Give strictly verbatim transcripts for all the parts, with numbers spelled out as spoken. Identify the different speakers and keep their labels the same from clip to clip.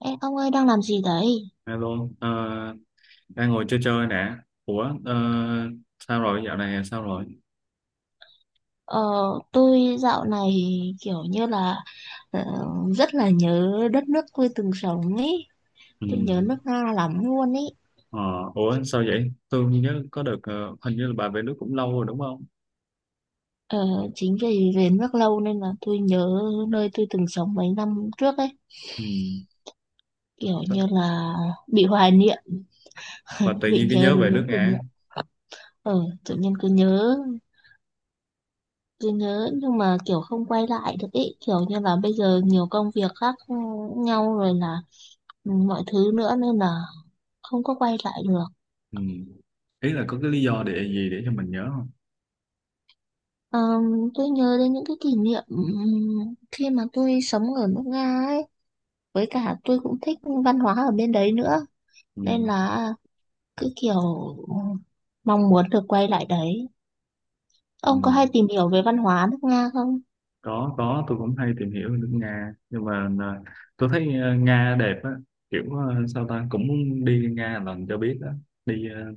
Speaker 1: Ê, ông ơi đang làm gì đấy?
Speaker 2: Alo, ờ, đang ngồi chơi chơi nè. Ủa, ờ, sao rồi, dạo này sao rồi?
Speaker 1: Ờ, tôi dạo này kiểu như là ờ, rất là nhớ đất nước tôi từng sống ấy.
Speaker 2: Ừ.
Speaker 1: Tôi nhớ nước Nga lắm luôn ấy.
Speaker 2: Ờ, ủa, sao vậy? Tôi nhớ có được, ờ, hình như là bà về nước cũng lâu rồi đúng không?
Speaker 1: Ờ, Chính vì về nước lâu nên là tôi nhớ nơi tôi từng sống mấy năm trước ấy.
Speaker 2: Ừ.
Speaker 1: Kiểu
Speaker 2: Sao-
Speaker 1: như là bị hoài niệm,
Speaker 2: Và tự
Speaker 1: bị
Speaker 2: nhiên cái
Speaker 1: nhớ
Speaker 2: nhớ về
Speaker 1: đến
Speaker 2: nước
Speaker 1: những kỷ
Speaker 2: Nga.
Speaker 1: niệm. Ờ, Tự nhiên cứ nhớ, cứ nhớ nhưng mà kiểu không quay lại được ấy. Kiểu như là bây giờ nhiều công việc khác nhau rồi là ừ, mọi thứ nữa nên là không có quay lại được.
Speaker 2: Ừ. Ý là có cái lý do để gì để cho mình nhớ không?
Speaker 1: Ờ, tôi nhớ đến những cái kỷ niệm ừm, khi mà tôi sống ở nước Nga ấy, với cả tôi cũng thích văn hóa ở bên đấy nữa,
Speaker 2: Ừ.
Speaker 1: nên là cứ kiểu mong muốn được quay lại đấy.
Speaker 2: Ừ.
Speaker 1: Ông có hay tìm hiểu về văn hóa nước Nga không?
Speaker 2: Có, có, tôi cũng hay tìm hiểu về nước Nga. Nhưng mà ờ, tôi thấy ờ, Nga đẹp á. Kiểu ờ, sao ta, cũng muốn đi Nga lần cho biết á. Đi ờ,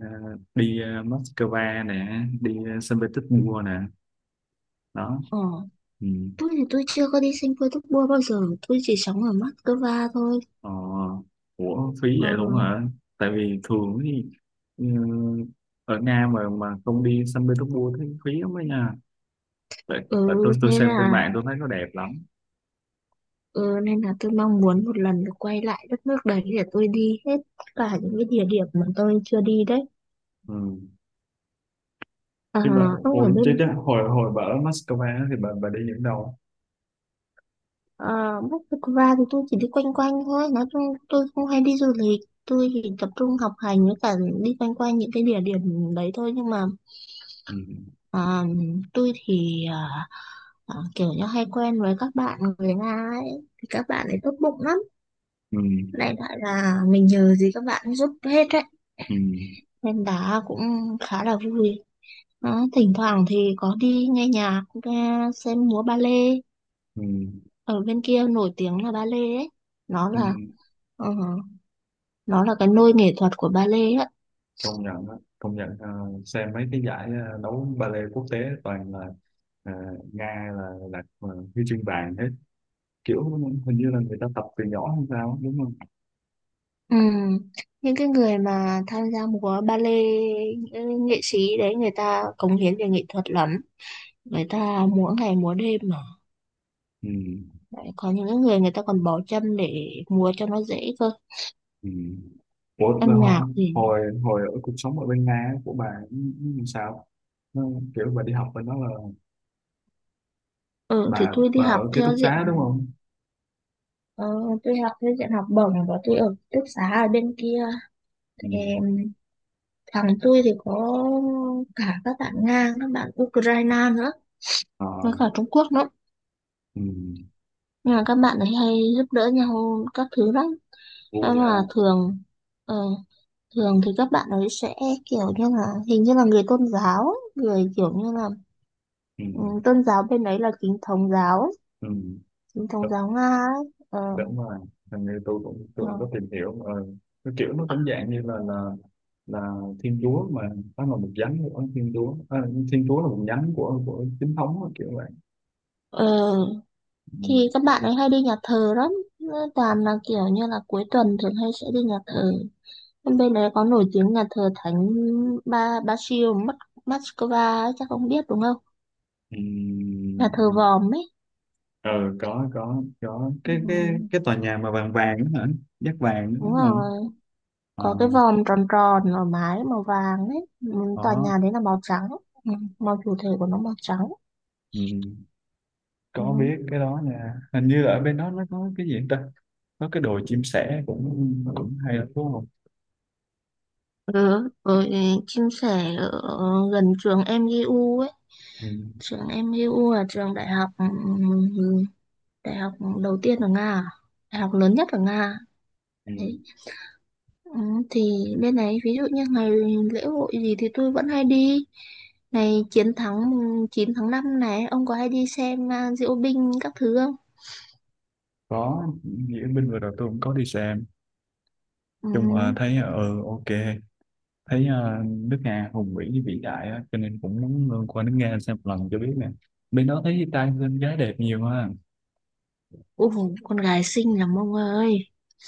Speaker 2: Ờ, đi ờ, Moscow nè, đi ờ, Saint Petersburg nè, đó,
Speaker 1: Ờ,
Speaker 2: ừ.
Speaker 1: tôi thì tôi chưa có đi sang Petersburg bao giờ, tôi chỉ sống ở Moscow thôi.
Speaker 2: ờ, Ủa phí
Speaker 1: Ờ,
Speaker 2: vậy luôn hả? Tại vì thường thì ừ, ở Nga mà mà không đi Saint Petersburg thì phí lắm đó nha. tại,
Speaker 1: ừ,
Speaker 2: tại tôi tôi
Speaker 1: nên
Speaker 2: xem trên
Speaker 1: là
Speaker 2: mạng tôi thấy nó đẹp lắm.
Speaker 1: ừ, nên là tôi mong muốn một lần được quay lại đất nước đấy để tôi đi hết tất cả những cái địa điểm mà tôi chưa đi đấy.
Speaker 2: Ừ.
Speaker 1: À,
Speaker 2: Nhưng mà
Speaker 1: ông
Speaker 2: ủa,
Speaker 1: ở
Speaker 2: chứ,
Speaker 1: bên
Speaker 2: chứ hồi hồi bà ở Moscow á thì bà bà đi những đâu?
Speaker 1: uh, Moscow thì tôi chỉ đi quanh quanh thôi. Nói chung tôi không hay đi du lịch, tôi chỉ tập trung học hành với cả đi quanh quanh những cái địa điểm đấy thôi. Nhưng mà
Speaker 2: Ừ.
Speaker 1: à, tôi thì à, à, kiểu như hay quen với các bạn người Nga ấy, thì các bạn ấy tốt bụng lắm,
Speaker 2: Ừ.
Speaker 1: đại loại là mình nhờ gì các bạn giúp hết đấy,
Speaker 2: Ừ.
Speaker 1: nên đã cũng khá là vui. Đó, thỉnh thoảng thì có đi nghe nhạc, nghe xem múa ba lê,
Speaker 2: Ừ.
Speaker 1: ở bên kia nổi tiếng là ba lê ấy, nó
Speaker 2: Ừ.
Speaker 1: là Ờ, nó là cái nôi nghệ thuật của ballet lê á.
Speaker 2: Công nhận á, công nhận, ờ, xem mấy cái giải ờ, đấu ballet quốc tế toàn là, ờ, Nga là là ờ, huy chương vàng hết, kiểu hình như là người ta tập từ nhỏ hay sao á, đúng không?
Speaker 1: Ừ. Những cái người mà tham gia múa ballet, những nghệ sĩ đấy, người ta cống hiến về nghệ thuật lắm. Người ta múa ngày múa đêm mà.
Speaker 2: Ừ.
Speaker 1: Đấy, có những cái người, người ta còn bỏ chân để múa cho nó dễ cơ.
Speaker 2: Ừ. Ủa, mà
Speaker 1: Âm nhạc
Speaker 2: họ-
Speaker 1: thì...
Speaker 2: hồi hồi ở cuộc sống ở bên Nga á, của bà làm sao? Nó, kiểu bà đi học bên đó là
Speaker 1: Ừ, thì
Speaker 2: bà
Speaker 1: tôi đi
Speaker 2: bà
Speaker 1: học
Speaker 2: ở ký túc
Speaker 1: theo diện...
Speaker 2: xá đúng không?
Speaker 1: Ờ, tôi học theo diện học bổng và tôi ở ký túc xá ở bên kia. Thì
Speaker 2: Ừ.
Speaker 1: thằng tôi thì có cả các bạn Nga, các bạn Ukraine nữa.
Speaker 2: Ờ,
Speaker 1: Với cả Trung Quốc nữa.
Speaker 2: ừ.
Speaker 1: Nhưng mà các bạn ấy hay giúp đỡ nhau các thứ lắm.
Speaker 2: Vui
Speaker 1: Nhưng mà
Speaker 2: ha.
Speaker 1: thường ờ, thường thì các bạn ấy sẽ kiểu như là hình như là người tôn giáo, ấy, người kiểu như là
Speaker 2: Ừ.
Speaker 1: ừ, tôn giáo bên đấy là chính thống giáo, ấy,
Speaker 2: Ừ.
Speaker 1: chính thống giáo Nga ấy. Ờ,
Speaker 2: Đúng rồi, hình như tôi cũng tôi
Speaker 1: ờ,
Speaker 2: cũng có tìm hiểu ờ, cái kiểu nó cũng dạng như là là là thiên chúa mà, nó là một nhánh của thiên chúa, à, thiên chúa là một nhánh của của chính thống á, kiểu vậy.
Speaker 1: ờ,
Speaker 2: Ừ.
Speaker 1: thì các bạn ấy hay đi nhà thờ lắm. Nó toàn là kiểu như là cuối tuần thường hay sẽ đi nhà thờ. Bên bên đấy có nổi tiếng nhà thờ Thánh Ba Basil Moscow ấy, chắc không biết đúng không?
Speaker 2: Ừ.
Speaker 1: Nhà thờ Vòm ấy.
Speaker 2: ừ, có có có
Speaker 1: Ừ,
Speaker 2: cái cái cái tòa nhà mà vàng vàng đó hả? Dát vàng đó
Speaker 1: đúng
Speaker 2: hả?
Speaker 1: rồi,
Speaker 2: Ờ,
Speaker 1: có cái vòm tròn tròn ở mái màu vàng ấy, ừ, tòa
Speaker 2: có,
Speaker 1: nhà đấy là màu trắng, ừ, màu chủ thể của nó màu trắng
Speaker 2: ừ.
Speaker 1: ừ.
Speaker 2: Có biết cái đó nha, hình như là ở bên đó nó có cái gì ta, có cái đồi chim sẻ cũng cũng hay lắm đúng không?
Speaker 1: Ừ, rồi chia sẻ ở gần trường em giê u ấy.
Speaker 2: Ừ.
Speaker 1: Trường em giê u là trường đại học, ừ, ừ, đại học đầu tiên ở Nga à? Đại học lớn nhất ở Nga à?
Speaker 2: Ừ.
Speaker 1: Đấy. ừ, thì bên này ví dụ như ngày lễ hội gì thì tôi vẫn hay đi ngày chiến thắng chín tháng năm này. Ông có hay đi xem à, diễu binh các thứ không
Speaker 2: Có, nghĩa binh vừa rồi tôi cũng có đi xem.
Speaker 1: ừ.
Speaker 2: Chung mà thấy, ừ ok, thấy ờ, nước Nga hùng vĩ với vĩ đại á, cho nên cũng muốn ờ, qua nước Nga xem một lần cho biết nè. Bên đó thấy trai bên gái đẹp nhiều ha?
Speaker 1: Ồ, con gái xinh lắm ông ơi.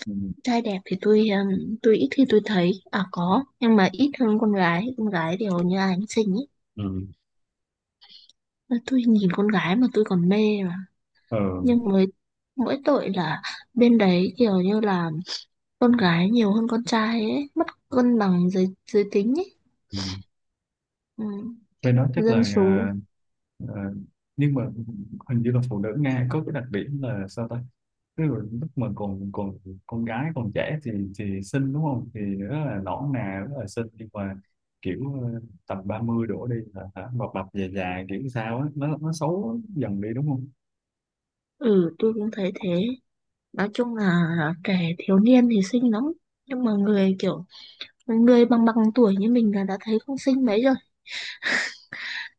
Speaker 2: Ừ.
Speaker 1: Trai đẹp thì tôi ừm, tôi ít khi tôi thấy. À có, nhưng mà ít hơn con gái. Con gái thì hầu như ai cũng xinh ấy.
Speaker 2: Ừ.
Speaker 1: Mà tôi nhìn con gái mà tôi còn mê mà.
Speaker 2: Ừ.
Speaker 1: Nhưng mới mỗi tội là bên đấy kiểu như là con gái nhiều hơn con trai ấy. Mất cân bằng giới, giới tính ấy.
Speaker 2: Ừ.
Speaker 1: Ừ,
Speaker 2: Bên đó chắc
Speaker 1: dân
Speaker 2: là,
Speaker 1: số.
Speaker 2: ờ, ờ, nhưng mà hình như là phụ nữ Nga có cái đặc điểm là sao ta. Tức là lúc mà còn còn con gái còn trẻ thì thì xinh đúng không, thì rất là nõn nà rất là xinh, nhưng mà kiểu ờ, tầm ba mươi đổ đi là hả, bập bập già già kiểu sao á, nó nó xấu dần đi đúng không?
Speaker 1: Ừ, tôi cũng thấy thế. Nói chung là trẻ thiếu niên thì xinh lắm. Nhưng mà người kiểu, người bằng bằng tuổi như mình là đã thấy không xinh mấy rồi,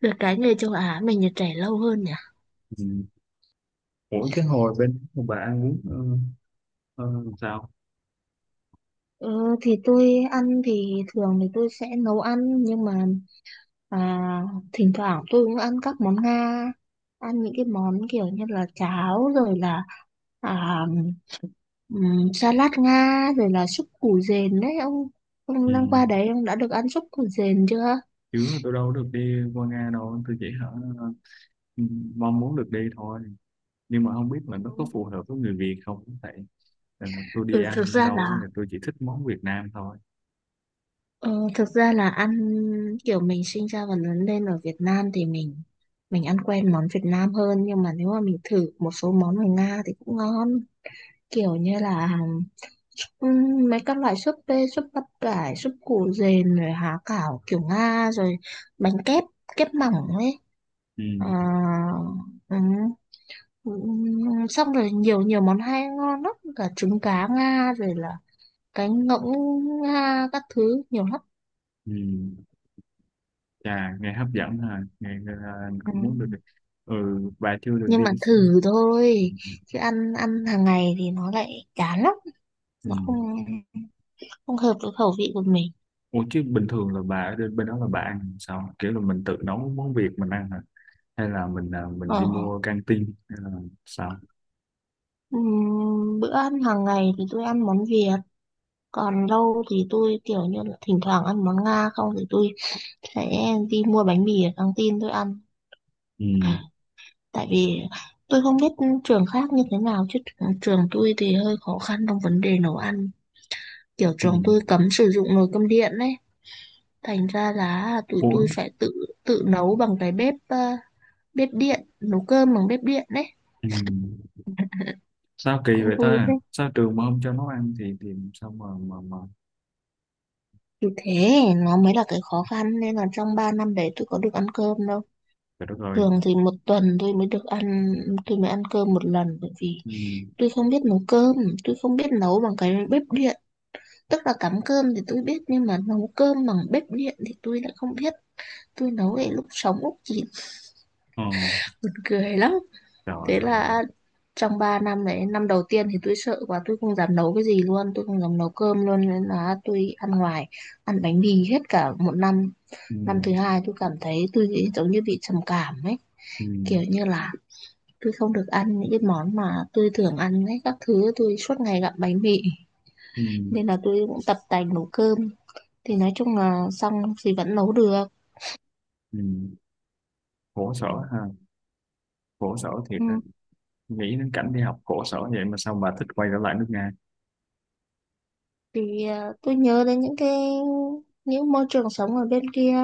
Speaker 1: được cái người châu Á mình là trẻ lâu hơn nhỉ.
Speaker 2: Ừ. Ủa cái hồi bên bà ăn uống, ờ, ờ, làm sao?
Speaker 1: Ờ, thì tôi ăn thì thường thì tôi sẽ nấu ăn nhưng mà à, thỉnh thoảng tôi cũng ăn các món Nga, ăn những cái món kiểu như là cháo, rồi là à, ừm, salad Nga, rồi là súp củ dền đấy. ông
Speaker 2: Ừ.
Speaker 1: ông đang qua đấy ông đã được ăn súp củ dền chưa?
Speaker 2: Chứ là tôi đâu được đi qua Nga đâu, tôi chỉ hả, ừ, mong muốn được đi thôi. Nhưng mà không biết là nó có phù hợp với người Việt không vậy. Nên là tôi đi
Speaker 1: Ừ, thực
Speaker 2: ăn
Speaker 1: ra
Speaker 2: đâu á,
Speaker 1: là.
Speaker 2: thì tôi chỉ thích món Việt Nam thôi.
Speaker 1: Ờ, Thực ra là ăn kiểu mình sinh ra và lớn lên ở Việt Nam thì mình mình ăn quen món Việt Nam hơn, nhưng mà nếu mà mình thử một số món ở Nga thì cũng ngon, kiểu như là ừm, mấy các loại súp bê, súp bắp cải, súp củ dền, rồi há cảo kiểu Nga, rồi bánh kép kép mỏng ấy.
Speaker 2: Ừ.
Speaker 1: Ờ, ừm, ừm, Xong rồi nhiều nhiều món hay ngon lắm, cả trứng cá Nga, rồi là cánh ngỗng Nga các thứ nhiều lắm.
Speaker 2: Ừ. Chà, nghe hấp dẫn ha, nghe, nghe là anh
Speaker 1: Ừ.
Speaker 2: cũng muốn được. Ừ, bà chưa được
Speaker 1: Nhưng
Speaker 2: đi.
Speaker 1: mà thử thôi,
Speaker 2: Ừ.
Speaker 1: chứ ăn ăn hàng ngày thì nó lại chán lắm,
Speaker 2: Ừ.
Speaker 1: nó không không hợp với khẩu vị của mình.
Speaker 2: Ủa chứ bình thường là bà ở bên bên đó là bà ăn sao? Kiểu là mình tự nấu món Việt mình ăn hả? Hay là mình à, mình đi
Speaker 1: ờ
Speaker 2: mua căng tin hay là sao?
Speaker 1: ừm, Bữa ăn hàng ngày thì tôi ăn món Việt, còn lâu thì tôi kiểu như là thỉnh thoảng ăn món Nga, không thì tôi sẽ đi mua bánh mì ở căng tin tôi ăn.
Speaker 2: Ừ.
Speaker 1: À, tại vì tôi không biết trường khác như thế nào, chứ trường trường tôi thì hơi khó khăn trong vấn đề nấu ăn, kiểu
Speaker 2: Ừ.
Speaker 1: trường tôi cấm sử dụng nồi cơm điện đấy, thành ra là tụi
Speaker 2: Ủa?
Speaker 1: tôi phải tự tự nấu bằng cái bếp ờ, bếp điện, nấu cơm bằng bếp điện đấy,
Speaker 2: Ừ. Sao kỳ
Speaker 1: cũng
Speaker 2: vậy
Speaker 1: vui
Speaker 2: ta?
Speaker 1: phết.
Speaker 2: Sao trường mà không cho nấu ăn thì thì sao mà mà mà
Speaker 1: Thì thế nó mới là cái khó khăn, nên là trong ba năm đấy tôi có được ăn cơm đâu,
Speaker 2: trời đất ơi.
Speaker 1: thường thì một tuần tôi mới được ăn, tôi mới ăn cơm một lần, bởi vì
Speaker 2: Ừ.
Speaker 1: tôi không biết nấu cơm, tôi không biết nấu bằng cái bếp điện, tức là cắm cơm thì tôi biết nhưng mà nấu cơm bằng bếp điện thì tôi lại không biết. Tôi nấu để lúc sống Úc chỉ
Speaker 2: Ờ.
Speaker 1: buồn cười lắm.
Speaker 2: Trời
Speaker 1: Thế
Speaker 2: ơi.
Speaker 1: là trong ba năm đấy, năm đầu tiên thì tôi sợ quá, tôi không dám nấu cái gì luôn, tôi không dám nấu cơm luôn, nên là tôi ăn ngoài, ăn bánh mì hết cả một năm.
Speaker 2: Ừ.
Speaker 1: Năm thứ hai tôi cảm thấy tôi bị- giống như bị trầm cảm ấy,
Speaker 2: Ừ.
Speaker 1: kiểu như là tôi không được ăn những cái món mà tôi thường ăn ấy, các thứ tôi suốt ngày gặm bánh mì,
Speaker 2: Ừ.
Speaker 1: nên là tôi cũng tập tành nấu cơm. Thì nói chung là xong thì vẫn nấu được.
Speaker 2: Ừ. Khổ sở ha, khổ sở thiệt
Speaker 1: Ừ.
Speaker 2: đó. Nghĩ đến cảnh đi học khổ sở vậy mà sao bà thích quay trở lại nước Nga?
Speaker 1: Thì à, tôi nhớ đến những cái, những môi trường sống ở bên kia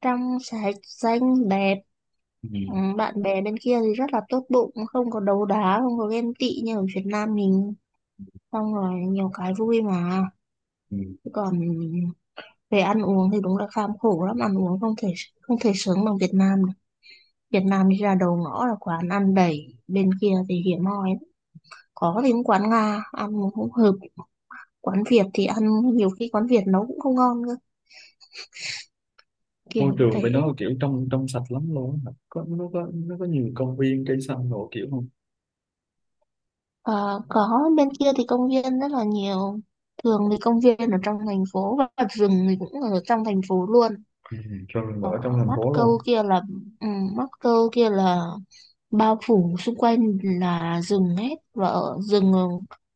Speaker 1: trong sạch xanh đẹp,
Speaker 2: Ừ.
Speaker 1: ừ, bạn bè bên kia thì rất là tốt bụng, không có đấu đá, không có ghen tị như ở Việt Nam mình, xong rồi nhiều cái vui mà.
Speaker 2: Ừ.
Speaker 1: Chứ còn về ăn uống thì đúng là kham khổ lắm, ăn uống không thể không thể sướng bằng Việt Nam được. Việt Nam đi ra đầu ngõ là quán ăn đầy, bên kia thì hiếm hoi lắm. Có thì cũng quán Nga ăn cũng hợp, quán Việt thì ăn, nhiều khi quán Việt nấu cũng không ngon cơ, kiểu
Speaker 2: Môi
Speaker 1: như
Speaker 2: trường
Speaker 1: thế.
Speaker 2: bên đó kiểu trong trong sạch lắm luôn á. có nó có nó có nhiều công viên cây xanh đồ kiểu không?
Speaker 1: Ờ, có, bên kia thì công viên rất là nhiều, thường thì công viên ở trong thành phố và rừng thì cũng ở trong thành phố luôn.
Speaker 2: Ừ. Rồi mà
Speaker 1: Ở
Speaker 2: ở trong thành
Speaker 1: Mắc
Speaker 2: phố
Speaker 1: Câu
Speaker 2: luôn.
Speaker 1: kia là ừ, Mắc Câu kia là bao phủ xung quanh là rừng hết, và ở rừng,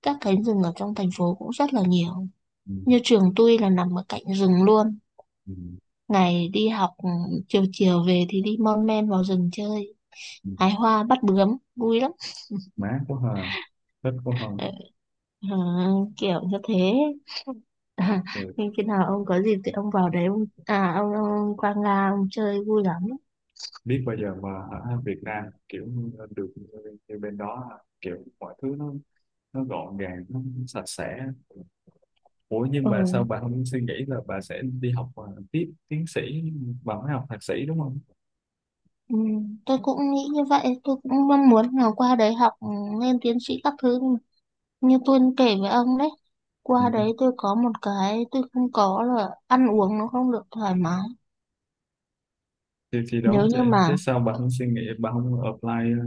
Speaker 1: các cánh rừng ở trong thành phố cũng rất là nhiều,
Speaker 2: Ừ.
Speaker 1: như trường tôi là nằm ở cạnh rừng luôn.
Speaker 2: Ừ.
Speaker 1: Ngày đi học, ừ, chiều chiều về thì đi mon men vào rừng chơi,
Speaker 2: Ừ.
Speaker 1: hái hoa bắt bướm vui lắm.
Speaker 2: Má của Hà, thích của Hồng.
Speaker 1: Ờ, ờ, Kiểu như thế. À,
Speaker 2: Thì
Speaker 1: nhưng khi nào ông có dịp thì ông vào đấy, ông à ông, ông Quang Nga ông chơi vui lắm.
Speaker 2: biết bây giờ mà ở Việt Nam kiểu như được như, như bên đó ha, kiểu mọi thứ nó nó gọn gàng, nó sạch sẽ. Ủa nhưng
Speaker 1: Ừ,
Speaker 2: mà sao bà không suy nghĩ là bà sẽ đi học, à, tiếp tiến sĩ. Bà mới học thạc sĩ đúng không?
Speaker 1: ừ, tôi cũng nghĩ như vậy, tôi cũng mong muốn là qua đấy học, ừ, lên tiến sĩ các thứ như tôi kể với ông đấy.
Speaker 2: Ừ.
Speaker 1: Qua đấy tôi có một cái tôi không có là ăn uống nó không được thoải mái.
Speaker 2: thì thì đó,
Speaker 1: Nếu như
Speaker 2: thế,
Speaker 1: mà
Speaker 2: thế sao bạn không suy nghĩ, bạn không apply, ờ,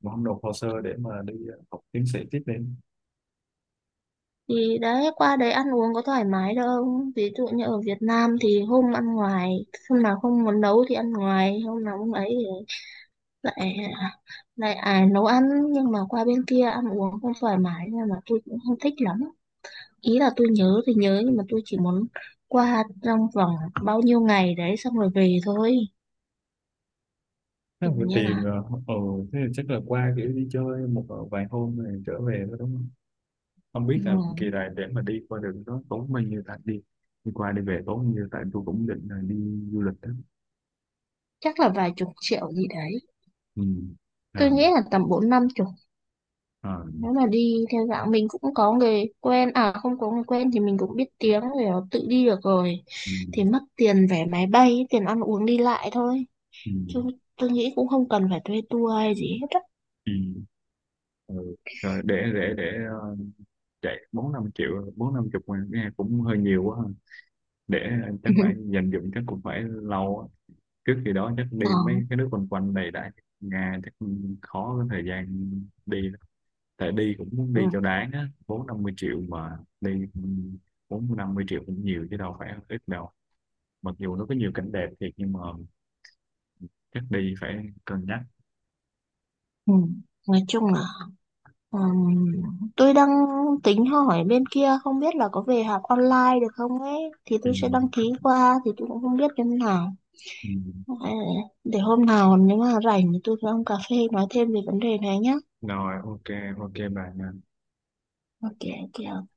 Speaker 2: bạn không nộp hồ sơ để mà đi ờ, học tiến sĩ tiếp đi.
Speaker 1: thì đấy qua đấy ăn uống có thoải mái đâu. Ví dụ như ở Việt Nam thì hôm ăn ngoài, hôm nào không muốn nấu thì ăn ngoài, hôm nào không ấy lại lại à, nấu ăn, nhưng mà qua bên kia ăn uống không thoải mái nên là tôi cũng không thích lắm. Ý là tôi nhớ thì nhớ nhưng mà tôi chỉ muốn qua trong vòng bao nhiêu ngày đấy xong rồi về thôi,
Speaker 2: Thế
Speaker 1: kiểu
Speaker 2: vừa
Speaker 1: như
Speaker 2: tiền,
Speaker 1: là
Speaker 2: ờ, ừ. Thế thì chắc là qua kiểu đi chơi một, ờ, vài hôm rồi trở về thôi đúng không? Không biết là kỳ
Speaker 1: ừ,
Speaker 2: này để mà đi qua đường đó tốn bao nhiêu, tại đi đi qua đi về tốn bao nhiêu, tại tôi cũng định là đi du lịch đó.
Speaker 1: chắc là vài chục triệu gì đấy.
Speaker 2: Ừ.
Speaker 1: Tôi
Speaker 2: À.
Speaker 1: nghĩ là tầm bốn năm chục,
Speaker 2: À.
Speaker 1: nếu mà đi theo dạng mình cũng có người quen, à không có người quen thì mình cũng biết tiếng rồi, tự đi được rồi,
Speaker 2: Ừ.
Speaker 1: thì mất tiền vé máy bay, tiền ăn uống đi lại thôi,
Speaker 2: Ừ.
Speaker 1: chứ tôi nghĩ cũng không cần phải thuê tour hay gì hết á.
Speaker 2: Ừ. Ừ. Rồi để để để ờ, chạy bốn năm triệu bốn năm chục ngàn nghe cũng hơi nhiều quá. Để chắc phải dành dụm chắc cũng phải lâu á. Trước khi đó chắc
Speaker 1: Ờ,
Speaker 2: đi mấy cái nước quanh quanh này đã. Nga chắc khó có thời gian đi lắm. Tại đi cũng muốn
Speaker 1: ừ,
Speaker 2: đi cho đáng á, bốn năm mươi triệu mà đi. Bốn năm mươi triệu cũng nhiều chứ đâu phải ít đâu. Mặc dù nó có nhiều cảnh đẹp thiệt nhưng mà chắc đi phải cân nhắc.
Speaker 1: ừ. Nói chung là ừm, tôi đang tính hỏi bên kia không biết là có về học online được không ấy, thì
Speaker 2: Ừ.
Speaker 1: tôi sẽ đăng ký, qua thì tôi cũng không biết như thế nào.
Speaker 2: Ừ.
Speaker 1: Ờ, để hôm nào nếu mà rảnh thì tôi với ông cà phê nói thêm về vấn đề này nhá.
Speaker 2: Rồi, ok ok bạn.
Speaker 1: OK, OK.